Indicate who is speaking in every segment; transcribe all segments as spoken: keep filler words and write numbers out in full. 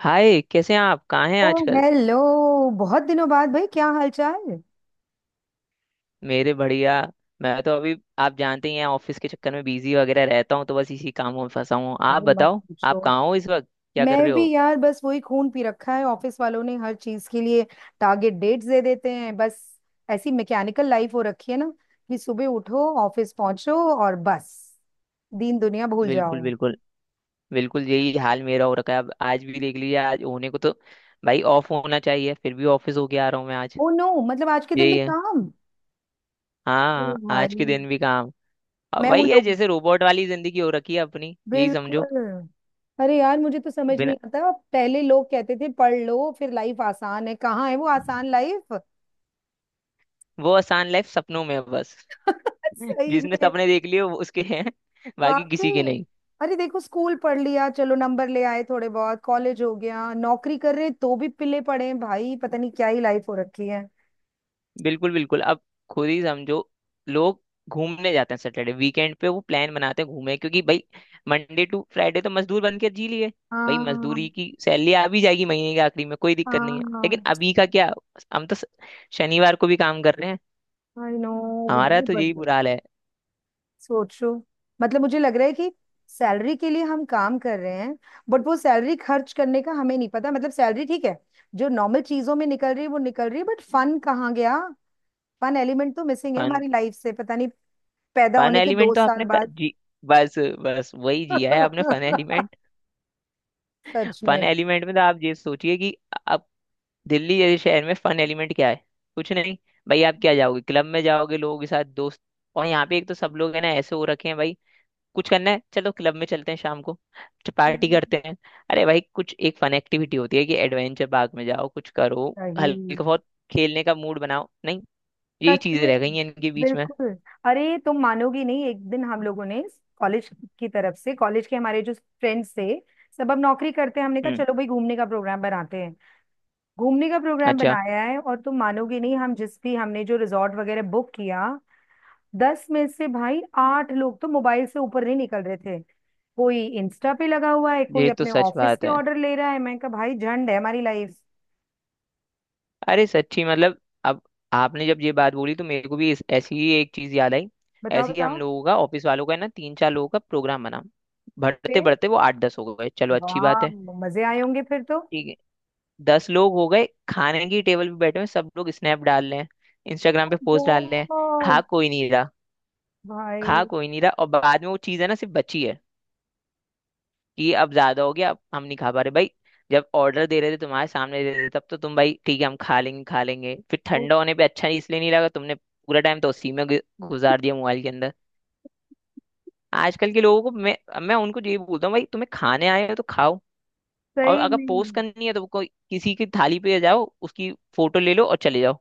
Speaker 1: हाय, कैसे हैं आप? कहाँ हैं
Speaker 2: ओ
Speaker 1: आजकल?
Speaker 2: हेलो। बहुत दिनों बाद भाई, क्या हालचाल।
Speaker 1: मेरे बढ़िया। मैं तो अभी आप जानते ही हैं ऑफिस के चक्कर में बिजी वगैरह रहता हूँ, तो बस इसी कामों में फंसा हूँ। आप
Speaker 2: अरे मत
Speaker 1: बताओ,
Speaker 2: पूछो।
Speaker 1: आप कहाँ हो इस वक्त? क्या कर
Speaker 2: मैं
Speaker 1: रहे
Speaker 2: भी
Speaker 1: हो?
Speaker 2: यार बस वही, खून पी रखा है ऑफिस वालों ने हर चीज के लिए। टारगेट डेट्स दे देते हैं बस। ऐसी मैकेनिकल लाइफ हो रखी है ना, कि सुबह उठो, ऑफिस पहुंचो, और बस दीन दुनिया भूल
Speaker 1: बिल्कुल,
Speaker 2: जाओ।
Speaker 1: बिल्कुल, बिल्कुल। यही हाल मेरा हो रखा है। अब आज भी देख लीजिए, आज होने को तो भाई ऑफ होना चाहिए, फिर भी ऑफिस होके आ रहा हूँ मैं आज।
Speaker 2: ओ नो, मतलब आज के दिन
Speaker 1: यही
Speaker 2: भी
Speaker 1: है।
Speaker 2: काम। ओ
Speaker 1: हाँ, आज के
Speaker 2: भाई।
Speaker 1: दिन भी काम। अब
Speaker 2: मैं उन
Speaker 1: वही है,
Speaker 2: लोग
Speaker 1: जैसे रोबोट वाली जिंदगी हो रखी है अपनी, यही समझो।
Speaker 2: बिल्कुल। अरे यार, मुझे तो समझ
Speaker 1: बिना
Speaker 2: नहीं आता, पहले लोग कहते थे पढ़ लो फिर लाइफ आसान है। कहाँ है वो आसान लाइफ।
Speaker 1: वो आसान लाइफ सपनों में है बस।
Speaker 2: सही
Speaker 1: जिसने
Speaker 2: में।
Speaker 1: सपने देख लिए वो उसके हैं, बाकी
Speaker 2: वाकई।
Speaker 1: किसी के नहीं।
Speaker 2: अरे देखो, स्कूल पढ़ लिया, चलो नंबर ले आए थोड़े बहुत, कॉलेज हो गया, नौकरी कर रहे तो भी पिले पड़े हैं भाई। पता नहीं क्या ही लाइफ हो रखी है।
Speaker 1: बिल्कुल बिल्कुल। अब खुद ही समझो, लोग घूमने जाते हैं सैटरडे वीकेंड पे, वो प्लान बनाते हैं घूमे, क्योंकि भाई मंडे टू फ्राइडे तो मजदूर बन के जी लिए। भाई
Speaker 2: हाँ।
Speaker 1: मजदूरी की सैलरी आ भी जाएगी महीने के आखिरी में, कोई दिक्कत नहीं है, लेकिन
Speaker 2: हाँ।
Speaker 1: अभी का क्या? हम तो स- शनिवार को भी काम कर रहे हैं।
Speaker 2: I know.
Speaker 1: हमारा
Speaker 2: यार
Speaker 1: तो यही
Speaker 2: बट
Speaker 1: बुरा हाल है।
Speaker 2: सोचो, मतलब मुझे लग रहा है कि सैलरी के लिए हम काम कर रहे हैं, बट वो सैलरी खर्च करने का हमें नहीं पता। मतलब सैलरी ठीक है, जो नॉर्मल चीजों में निकल रही है वो निकल रही है, बट फन कहाँ गया। फन एलिमेंट तो मिसिंग है
Speaker 1: फन
Speaker 2: हमारी लाइफ से, पता नहीं पैदा
Speaker 1: फन
Speaker 2: होने के दो
Speaker 1: एलिमेंट तो
Speaker 2: साल
Speaker 1: आपने क-
Speaker 2: बाद।
Speaker 1: जी, बस बस वही जिया है आपने फन
Speaker 2: सच
Speaker 1: एलिमेंट। फन
Speaker 2: में।
Speaker 1: एलिमेंट में तो आप ये सोचिए कि दिल्ली जैसे शहर में फन एलिमेंट क्या है? कुछ नहीं। भाई आप क्या जाओगे, क्लब में जाओगे लोगों के साथ दोस्त। और यहाँ पे एक तो सब लोग है ना, ऐसे हो रखे हैं भाई। कुछ करना है, चलो क्लब में चलते हैं शाम को, पार्टी
Speaker 2: हम्म,
Speaker 1: करते हैं। अरे भाई कुछ एक फन एक्टिविटी होती है कि एडवेंचर पार्क में जाओ, कुछ करो,
Speaker 2: सही।
Speaker 1: हल्का बहुत खेलने का मूड बनाओ, नहीं। यही
Speaker 2: सच
Speaker 1: चीजें
Speaker 2: में।
Speaker 1: रह गई हैं इनके बीच में।
Speaker 2: बिल्कुल। अरे तुम मानोगी नहीं, एक दिन हम लोगों ने कॉलेज की तरफ से, कॉलेज के हमारे जो फ्रेंड्स थे सब अब नौकरी करते हैं, हमने कहा
Speaker 1: हम्म।
Speaker 2: चलो भाई घूमने का प्रोग्राम बनाते हैं। घूमने का प्रोग्राम
Speaker 1: अच्छा।
Speaker 2: बनाया है, और तुम मानोगी नहीं, हम जिस भी, हमने जो रिजॉर्ट वगैरह बुक किया, दस में से भाई आठ लोग तो मोबाइल से ऊपर नहीं निकल रहे थे। कोई इंस्टा पे लगा हुआ है, कोई
Speaker 1: ये तो
Speaker 2: अपने
Speaker 1: सच
Speaker 2: ऑफिस
Speaker 1: बात
Speaker 2: के
Speaker 1: है।
Speaker 2: ऑर्डर ले रहा है, मैं कहा भाई झंड है हमारी लाइफ।
Speaker 1: अरे सच्ची, मतलब अब आपने जब ये बात बोली तो मेरे को भी इस, ऐसी ही एक चीज याद आई।
Speaker 2: बताओ
Speaker 1: ऐसी ही हम
Speaker 2: बताओ।
Speaker 1: लोगों का, ऑफिस वालों का है ना, तीन चार लोगों का प्रोग्राम बना, बढ़ते बढ़ते वो आठ दस हो गए, चलो अच्छी बात
Speaker 2: वाह,
Speaker 1: है।
Speaker 2: मजे आए होंगे फिर तो।
Speaker 1: ठीक है, दस लोग हो गए खाने की टेबल पे बैठे हुए, सब लोग स्नैप डाल रहे हैं, इंस्टाग्राम पे पोस्ट डाल रहे हैं। खा
Speaker 2: बहुत।
Speaker 1: कोई नहीं रहा। खा
Speaker 2: भाई।
Speaker 1: कोई नहीं रहा, और बाद में वो चीज़ है ना, सिर्फ बची है कि अब ज्यादा हो गया, अब हम नहीं खा पा रहे भाई। जब ऑर्डर दे रहे थे तुम्हारे सामने दे रहे थे, तब तो तुम भाई ठीक है हम खा लेंगे खा लेंगे, फिर
Speaker 2: वो।
Speaker 1: ठंडा होने पे अच्छा नहीं इसलिए नहीं लगा, तुमने पूरा टाइम तो उसी में गु- गुजार दिया मोबाइल के अंदर। आजकल के लोगों को मैं मैं उनको ये बोलता हूँ भाई तुम्हें खाने आए हो तो खाओ। और
Speaker 2: सही
Speaker 1: अगर
Speaker 2: में।
Speaker 1: पोस्ट करनी है तो कोई किसी की थाली पे जाओ, उसकी फोटो ले लो और चले जाओ।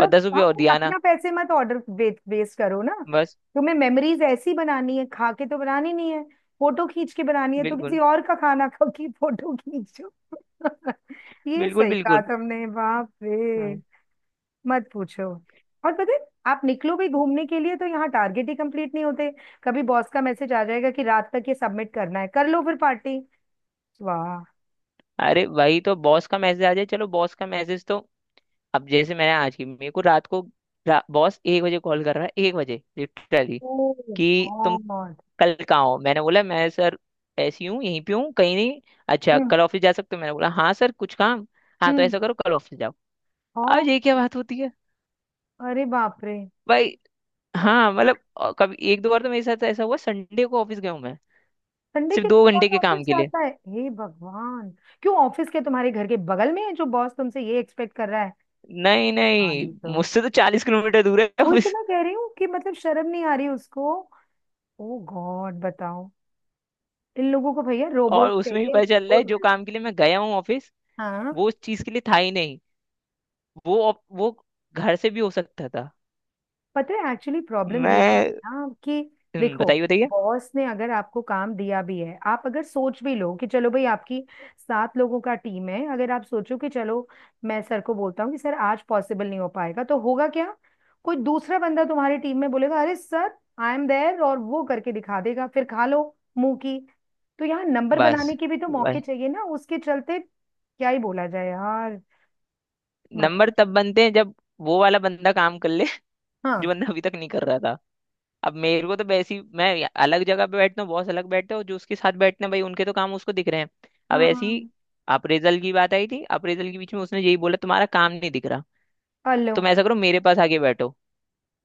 Speaker 1: और दस
Speaker 2: हाँ,
Speaker 1: रुपये और
Speaker 2: पर
Speaker 1: दिया ना,
Speaker 2: अपना पैसे मत ऑर्डर वेस्ट वेस्ट करो ना।
Speaker 1: बस।
Speaker 2: तुम्हें मेमोरीज ऐसी बनानी है, खा के तो बनानी नहीं है, फोटो खींच के बनानी है, तो किसी
Speaker 1: बिल्कुल
Speaker 2: और का खाना खा के फोटो खींचो। ये
Speaker 1: बिल्कुल।
Speaker 2: सही कहा
Speaker 1: बिल्कुल।
Speaker 2: तुमने, बाप रे।
Speaker 1: हम्म,
Speaker 2: मत पूछो। और पता है, आप निकलो भी घूमने के लिए तो यहाँ टारगेट ही कंप्लीट नहीं होते। कभी बॉस का मैसेज आ जाएगा कि रात तक ये सबमिट करना है, कर लो फिर पार्टी। वाह।
Speaker 1: अरे वही तो, बॉस का मैसेज आ जाए, चलो बॉस का मैसेज तो। अब जैसे मैंने आज की, मेरे को रात को, रा, बॉस एक बजे कॉल कर रहा है, एक बजे लिटरली।
Speaker 2: ओ
Speaker 1: कि तुम
Speaker 2: गॉड।
Speaker 1: कल कहाँ हो? मैंने बोला मैं सर ऐसी हूँ, यहीं पे हूँ, कहीं नहीं। अच्छा
Speaker 2: हम्म
Speaker 1: कल ऑफिस जा सकते हो? मैंने बोला हाँ सर, कुछ काम? हाँ तो
Speaker 2: हम्म
Speaker 1: ऐसा करो, कल ऑफिस जाओ। अब
Speaker 2: और।
Speaker 1: ये क्या बात होती है
Speaker 2: अरे बाप रे।
Speaker 1: भाई? हाँ मतलब अ, कभी एक दो बार तो मेरे साथ ऐसा हुआ, संडे को ऑफिस गया हूँ मैं,
Speaker 2: संडे
Speaker 1: सिर्फ
Speaker 2: के दिन
Speaker 1: दो घंटे
Speaker 2: कौन
Speaker 1: के
Speaker 2: ऑफिस
Speaker 1: काम के लिए।
Speaker 2: जाता है, हे भगवान। क्यों, ऑफिस के तुम्हारे घर के बगल में है जो बॉस तुमसे ये एक्सपेक्ट कर रहा है।
Speaker 1: नहीं
Speaker 2: हाँ नहीं
Speaker 1: नहीं,
Speaker 2: तो,
Speaker 1: मुझसे तो चालीस किलोमीटर दूर है
Speaker 2: वही तो
Speaker 1: ऑफिस।
Speaker 2: मैं कह रही हूँ कि मतलब शर्म नहीं आ रही उसको। ओ गॉड, बताओ। इन लोगों को भैया
Speaker 1: और
Speaker 2: रोबोट
Speaker 1: उसमें भी
Speaker 2: चाहिए,
Speaker 1: पता चल रहा है
Speaker 2: रोबोट
Speaker 1: जो
Speaker 2: वाले।
Speaker 1: काम के लिए मैं गया हूँ ऑफिस,
Speaker 2: हाँ।
Speaker 1: वो उस चीज के लिए था ही नहीं। वो op- वो घर से भी हो सकता था।
Speaker 2: पता है एक्चुअली प्रॉब्लम ये भी
Speaker 1: मैं
Speaker 2: है ना कि
Speaker 1: हम्म,
Speaker 2: देखो,
Speaker 1: बताइए बताइए।
Speaker 2: बॉस ने अगर आपको काम दिया भी है, आप अगर सोच भी लो कि चलो भाई, आपकी सात लोगों का टीम है, अगर आप सोचो कि चलो मैं सर को बोलता हूँ कि सर आज पॉसिबल नहीं हो पाएगा, तो होगा क्या, कोई दूसरा बंदा तुम्हारी टीम में बोलेगा अरे सर आई एम देयर, और वो करके दिखा देगा, फिर खा लो मुंह की। तो यहाँ नंबर
Speaker 1: बस
Speaker 2: बनाने के भी तो मौके
Speaker 1: भाई,
Speaker 2: चाहिए ना उसके चलते। क्या ही बोला जाए यार, मत
Speaker 1: नंबर
Speaker 2: पूछ।
Speaker 1: तब बनते हैं जब वो वाला बंदा काम कर ले, जो
Speaker 2: हाँ।
Speaker 1: बंदा अभी तक नहीं कर रहा था। अब मेरे को तो वैसी, मैं या- अलग जगह पे बैठता हूँ, बॉस अलग बैठते हैं, और जो उसके साथ बैठते हैं भाई उनके तो काम उसको दिख रहे हैं। अब ऐसी
Speaker 2: हाँ।
Speaker 1: अप्रेजल की बात आई थी, अप्रेजल के बीच में उसने यही बोला तुम्हारा काम नहीं दिख रहा,
Speaker 2: हेलो।
Speaker 1: तुम ऐसा करो मेरे पास आके बैठो।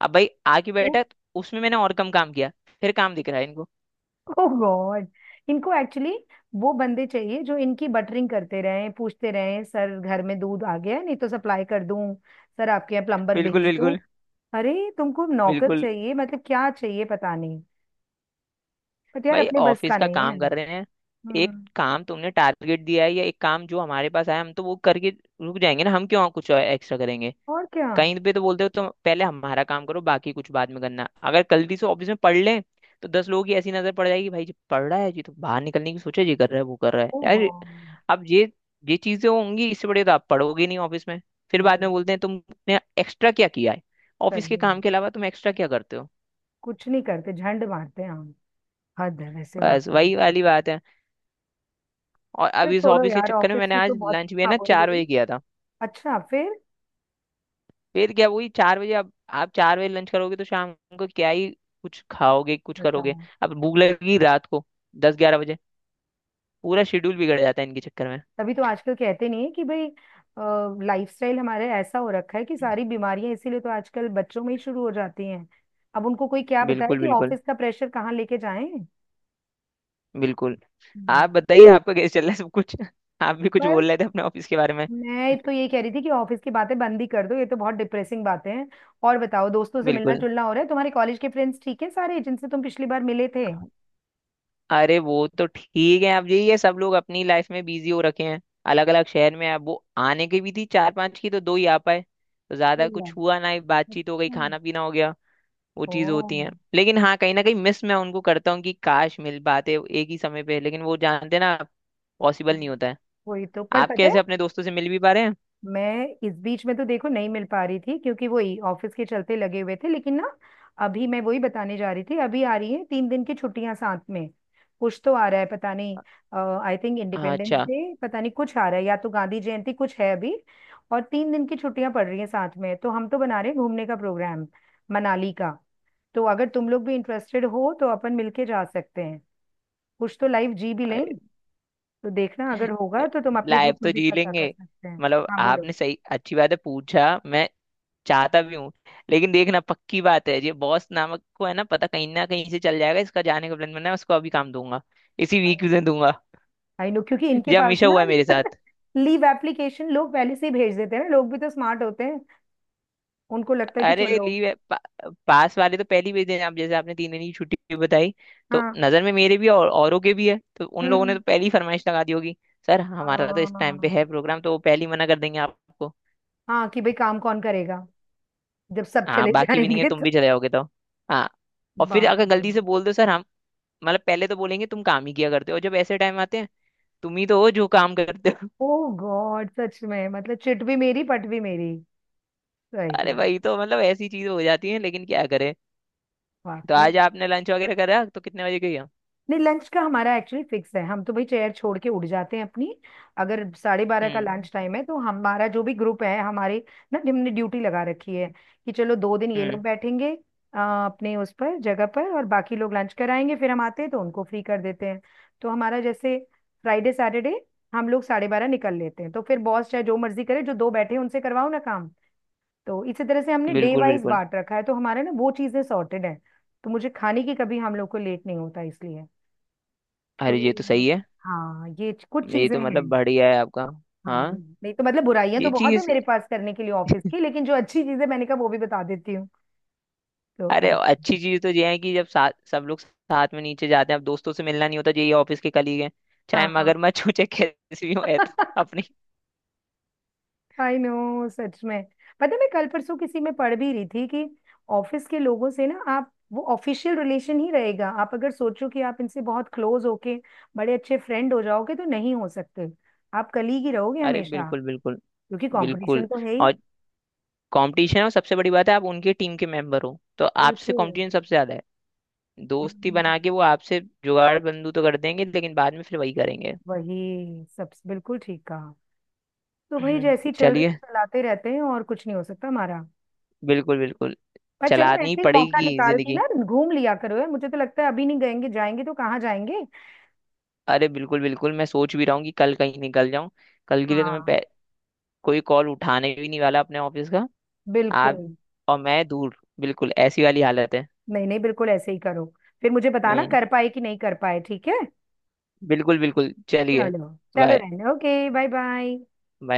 Speaker 1: अब भाई आके बैठा तो उसमें मैंने और कम काम किया, फिर काम दिख रहा है इनको।
Speaker 2: ओह गॉड। इनको एक्चुअली वो बंदे चाहिए जो इनकी बटरिंग करते रहें, पूछते रहें सर घर में दूध आ गया है? नहीं तो सप्लाई कर दूं। सर आपके यहाँ प्लम्बर
Speaker 1: बिल्कुल
Speaker 2: भेज दूं।
Speaker 1: बिल्कुल।
Speaker 2: अरे तुमको नौकर
Speaker 1: बिल्कुल।
Speaker 2: चाहिए, मतलब क्या चाहिए पता नहीं। बट यार
Speaker 1: भाई
Speaker 2: अपने बस
Speaker 1: ऑफिस
Speaker 2: का
Speaker 1: का
Speaker 2: नहीं है।
Speaker 1: काम कर रहे हैं, एक
Speaker 2: हम्म।
Speaker 1: काम तुमने टारगेट दिया है, या एक काम जो हमारे पास आया, हम तो वो करके रुक जाएंगे ना, हम क्यों कुछ एक्स्ट्रा करेंगे?
Speaker 2: और क्या।
Speaker 1: कहीं पे तो बोलते हो तो पहले हमारा काम करो, बाकी कुछ बाद में करना। अगर गलती से ऑफिस में पढ़ लें तो दस लोगों की ऐसी नजर पड़ जाएगी भाई जी पढ़ रहा है जी, तो बाहर निकलने की सोचा, जी कर रहा है वो कर रहा है
Speaker 2: ओ
Speaker 1: यार।
Speaker 2: गॉड।
Speaker 1: अब ये ये चीजें होंगी, इससे बड़े तो आप पढ़ोगे नहीं ऑफिस में। फिर
Speaker 2: वो।
Speaker 1: बाद में बोलते हैं तुमने एक्स्ट्रा क्या किया है, ऑफिस
Speaker 2: सही
Speaker 1: के काम
Speaker 2: में,
Speaker 1: के अलावा तुम एक्स्ट्रा क्या करते हो।
Speaker 2: कुछ नहीं करते, झंड मारते हैं हम। हद है वैसे
Speaker 1: बस
Speaker 2: वाकई में।
Speaker 1: वही वाली बात है। और
Speaker 2: अरे
Speaker 1: अब इस
Speaker 2: छोड़ो
Speaker 1: ऑफिस के
Speaker 2: यार,
Speaker 1: चक्कर में
Speaker 2: ऑफिस
Speaker 1: मैंने
Speaker 2: की तो
Speaker 1: आज
Speaker 2: बहुत।
Speaker 1: लंच भी है
Speaker 2: हाँ
Speaker 1: ना
Speaker 2: बोलो
Speaker 1: चार
Speaker 2: बोलो।
Speaker 1: बजे किया था।
Speaker 2: अच्छा, फिर
Speaker 1: फिर क्या, वही चार बजे, अब आप चार बजे लंच करोगे तो शाम को क्या ही कुछ खाओगे, कुछ करोगे?
Speaker 2: बताओ।
Speaker 1: अब भूख लगेगी रात को दस ग्यारह बजे, पूरा शेड्यूल बिगड़ जाता है इनके चक्कर में।
Speaker 2: तभी तो आजकल कहते नहीं है कि भाई लाइफस्टाइल हमारे ऐसा हो रखा है कि सारी बीमारियां इसीलिए तो आजकल बच्चों में ही शुरू हो जाती हैं। अब उनको कोई क्या बताए
Speaker 1: बिल्कुल
Speaker 2: कि
Speaker 1: बिल्कुल।
Speaker 2: ऑफिस का प्रेशर कहाँ लेके जाएं।
Speaker 1: बिल्कुल। आप
Speaker 2: हम्म।
Speaker 1: बताइए, आपका कैसे चल रहा है सब कुछ? आप भी कुछ
Speaker 2: बस
Speaker 1: बोल रहे थे अपने ऑफिस के बारे में।
Speaker 2: मैं तो ये कह रही थी कि ऑफिस की बातें बंद ही कर दो, ये तो बहुत डिप्रेसिंग बातें हैं। और बताओ, दोस्तों से मिलना
Speaker 1: बिल्कुल।
Speaker 2: जुलना हो रहा है, तुम्हारे कॉलेज के फ्रेंड्स ठीक है सारे, जिनसे तुम पिछली बार मिले थे।
Speaker 1: अरे वो तो ठीक है, अब यही है, सब लोग अपनी लाइफ में बिजी हो रखे हैं, अलग अलग शहर में। अब वो आने की भी थी चार पांच की तो दो ही आ पाए, तो ज्यादा
Speaker 2: बोला।
Speaker 1: कुछ हुआ ना, बातचीत हो गई,
Speaker 2: अच्छा।
Speaker 1: खाना पीना हो गया। वो चीज
Speaker 2: ओह।
Speaker 1: होती है, लेकिन हाँ कहीं ना कहीं मिस मैं उनको करता हूँ कि काश मिल पाते एक ही समय पे, लेकिन वो जानते हैं ना पॉसिबल नहीं
Speaker 2: हम्म।
Speaker 1: होता है।
Speaker 2: वही तो, पर
Speaker 1: आप
Speaker 2: पता है,
Speaker 1: कैसे अपने दोस्तों से मिल भी पा रहे हैं?
Speaker 2: मैं इस बीच में तो देखो नहीं मिल पा रही थी क्योंकि वही ऑफिस के चलते लगे हुए थे, लेकिन ना, अभी मैं वही बताने जा रही थी, अभी आ रही है तीन दिन की छुट्टियां साथ में। कुछ तो आ रहा है पता नहीं, आई थिंक
Speaker 1: हाँ,
Speaker 2: इंडिपेंडेंस
Speaker 1: अच्छा।
Speaker 2: डे, पता नहीं कुछ आ रहा है या तो गांधी जयंती, कुछ है अभी। और तीन दिन की छुट्टियां पड़ रही हैं साथ में, तो हम तो बना रहे हैं घूमने का प्रोग्राम, मनाली का। तो अगर तुम लोग भी इंटरेस्टेड हो तो अपन मिलके जा सकते हैं, कुछ तो लाइव जी भी लें। तो देखना, अगर होगा तो तुम अपने
Speaker 1: लाइफ
Speaker 2: ग्रुप में
Speaker 1: तो
Speaker 2: भी
Speaker 1: जी
Speaker 2: पता कर
Speaker 1: लेंगे।
Speaker 2: सकते हैं।
Speaker 1: मतलब
Speaker 2: हाँ बोलो।
Speaker 1: आपने सही, अच्छी बात है पूछा, मैं चाहता भी हूँ। लेकिन देखना, पक्की बात है ये बॉस नामक को है ना, पता कहीं ना कहीं से चल जाएगा इसका जाने का प्लान बना है, उसको अभी काम दूंगा, इसी वीक में दूंगा।
Speaker 2: आई नो, क्योंकि इनके
Speaker 1: ये
Speaker 2: पास
Speaker 1: हमेशा
Speaker 2: ना,
Speaker 1: हुआ है मेरे साथ।
Speaker 2: लीव एप्लीकेशन लोग पहले से ही भेज देते हैं ना, लोग भी तो स्मार्ट होते हैं, उनको लगता है कि
Speaker 1: अरे
Speaker 2: चलो।
Speaker 1: लीव है, पा, पास वाले तो पहली ही दिन, आप जैसे आपने तीन दिन की छुट्टी बताई तो
Speaker 2: हाँ।
Speaker 1: नजर में मेरे भी और औरों के भी है, तो उन लोगों ने
Speaker 2: हम्म।
Speaker 1: तो पहली ही फरमाइश लगा दी होगी। सर हमारा तो इस टाइम पे
Speaker 2: हाँ।
Speaker 1: है प्रोग्राम, तो वो पहले ही मना कर देंगे आपको।
Speaker 2: हाँ कि भाई काम कौन करेगा जब सब
Speaker 1: हाँ,
Speaker 2: चले
Speaker 1: बाकी भी नहीं है,
Speaker 2: जाएंगे
Speaker 1: तुम
Speaker 2: तो।
Speaker 1: भी चले जाओगे तो। हाँ। और फिर
Speaker 2: बाप
Speaker 1: अगर
Speaker 2: रे।
Speaker 1: गलती से बोल दो सर हम, मतलब पहले तो बोलेंगे तुम काम ही किया करते हो, और जब ऐसे टाइम आते हैं, तुम ही तो हो जो काम करते हो।
Speaker 2: ओ गॉड, सच में मतलब चिट भी मेरी पट भी मेरी।
Speaker 1: अरे
Speaker 2: सही।
Speaker 1: भाई तो मतलब ऐसी चीज हो जाती है, लेकिन क्या करे। तो
Speaker 2: वाकई।
Speaker 1: आज आपने लंच वगैरह करा तो कितने बजे गई हो?
Speaker 2: नहीं लंच का हमारा एक्चुअली फिक्स है, हम तो भाई चेयर छोड़ के उड़ जाते हैं अपनी। अगर साढ़े बारह का
Speaker 1: हम्म।
Speaker 2: लंच टाइम है तो हमारा जो भी ग्रुप है हमारे ना, हमने ड्यूटी लगा रखी है कि चलो दो दिन ये लोग
Speaker 1: हम्म।
Speaker 2: बैठेंगे अ, अपने उस पर जगह पर, और बाकी लोग लंच कराएंगे, फिर हम आते हैं तो उनको फ्री कर देते हैं। तो हमारा जैसे फ्राइडे सैटरडे हम लोग साढ़े बारह निकल लेते हैं, तो फिर बॉस चाहे जो मर्जी करे, जो दो बैठे हैं उनसे करवाओ ना काम। तो इसी तरह से हमने डे
Speaker 1: बिल्कुल
Speaker 2: वाइज
Speaker 1: बिल्कुल।
Speaker 2: बांट रखा है, तो हमारा ना वो चीजें सॉर्टेड है। तो मुझे खाने की कभी हम लोग को लेट नहीं होता इसलिए।
Speaker 1: अरे ये तो
Speaker 2: तो
Speaker 1: सही है।
Speaker 2: हाँ, ये च- कुछ
Speaker 1: ये
Speaker 2: चीजें
Speaker 1: तो
Speaker 2: हैं।
Speaker 1: मतलब बढ़िया है आपका।
Speaker 2: हाँ
Speaker 1: हाँ,
Speaker 2: नहीं तो मतलब बुराइयां तो
Speaker 1: ये
Speaker 2: बहुत है
Speaker 1: चीज।
Speaker 2: मेरे पास करने के लिए ऑफिस की, लेकिन जो अच्छी चीजें मैंने कहा वो भी बता देती हूँ। तो
Speaker 1: अरे
Speaker 2: ऐसे।
Speaker 1: अच्छी चीज तो ये है कि जब साथ सब लोग साथ में नीचे जाते हैं, अब दोस्तों से मिलना नहीं होता, ये ऑफिस के कलीग हैं,
Speaker 2: हाँ।
Speaker 1: चाहे
Speaker 2: हाँ।
Speaker 1: मगरमच्छ हो चाहे कैसी भी हो, है तो अपनी।
Speaker 2: आई नो, सच में। पता है मैं कल परसों किसी में पढ़ भी रही थी कि ऑफिस के लोगों से ना आप वो ऑफिशियल रिलेशन ही रहेगा, आप अगर सोचो कि आप इनसे बहुत क्लोज होके बड़े अच्छे फ्रेंड हो जाओगे तो नहीं हो सकते, आप कलीग ही रहोगे
Speaker 1: अरे
Speaker 2: हमेशा,
Speaker 1: बिल्कुल बिल्कुल।
Speaker 2: क्योंकि
Speaker 1: बिल्कुल।
Speaker 2: कंपटीशन तो है ही।
Speaker 1: और कंपटीशन है, और सबसे बड़ी बात है आप उनकी टीम के मेंबर हो तो आपसे
Speaker 2: बिल्कुल।
Speaker 1: कंपटीशन सबसे ज्यादा है। दोस्ती
Speaker 2: हम्म,
Speaker 1: बना के वो आपसे जुगाड़ बंदू तो कर देंगे, लेकिन बाद में फिर वही करेंगे।
Speaker 2: वही सब बिल्कुल ठीक कहा। तो भाई
Speaker 1: हम्म,
Speaker 2: जैसी चल रही
Speaker 1: चलिए।
Speaker 2: चलाते रहते हैं, और कुछ नहीं हो सकता हमारा।
Speaker 1: बिल्कुल बिल्कुल।
Speaker 2: पर चलो
Speaker 1: चलानी
Speaker 2: ऐसे ही मौका
Speaker 1: पड़ेगी
Speaker 2: निकाल के
Speaker 1: जिंदगी।
Speaker 2: ना घूम लिया करो यार, मुझे तो लगता है अभी नहीं गएंगे जाएंगे तो कहाँ जाएंगे।
Speaker 1: अरे बिल्कुल बिल्कुल, मैं सोच भी रहा हूँ कि कल कहीं निकल जाऊं। कल के लिए तो मैं
Speaker 2: हाँ
Speaker 1: पै- कोई कॉल उठाने भी नहीं वाला अपने ऑफिस का। आप
Speaker 2: बिल्कुल।
Speaker 1: और मैं दूर, बिल्कुल ऐसी वाली हालत है।
Speaker 2: नहीं नहीं बिल्कुल ऐसे ही करो, फिर मुझे बताना
Speaker 1: हम्म,
Speaker 2: कर पाए कि नहीं कर पाए, ठीक है।
Speaker 1: बिल्कुल बिल्कुल। चलिए।
Speaker 2: चलो। चलो,
Speaker 1: बाय।
Speaker 2: रहने, ओके बाय बाय।
Speaker 1: बाय।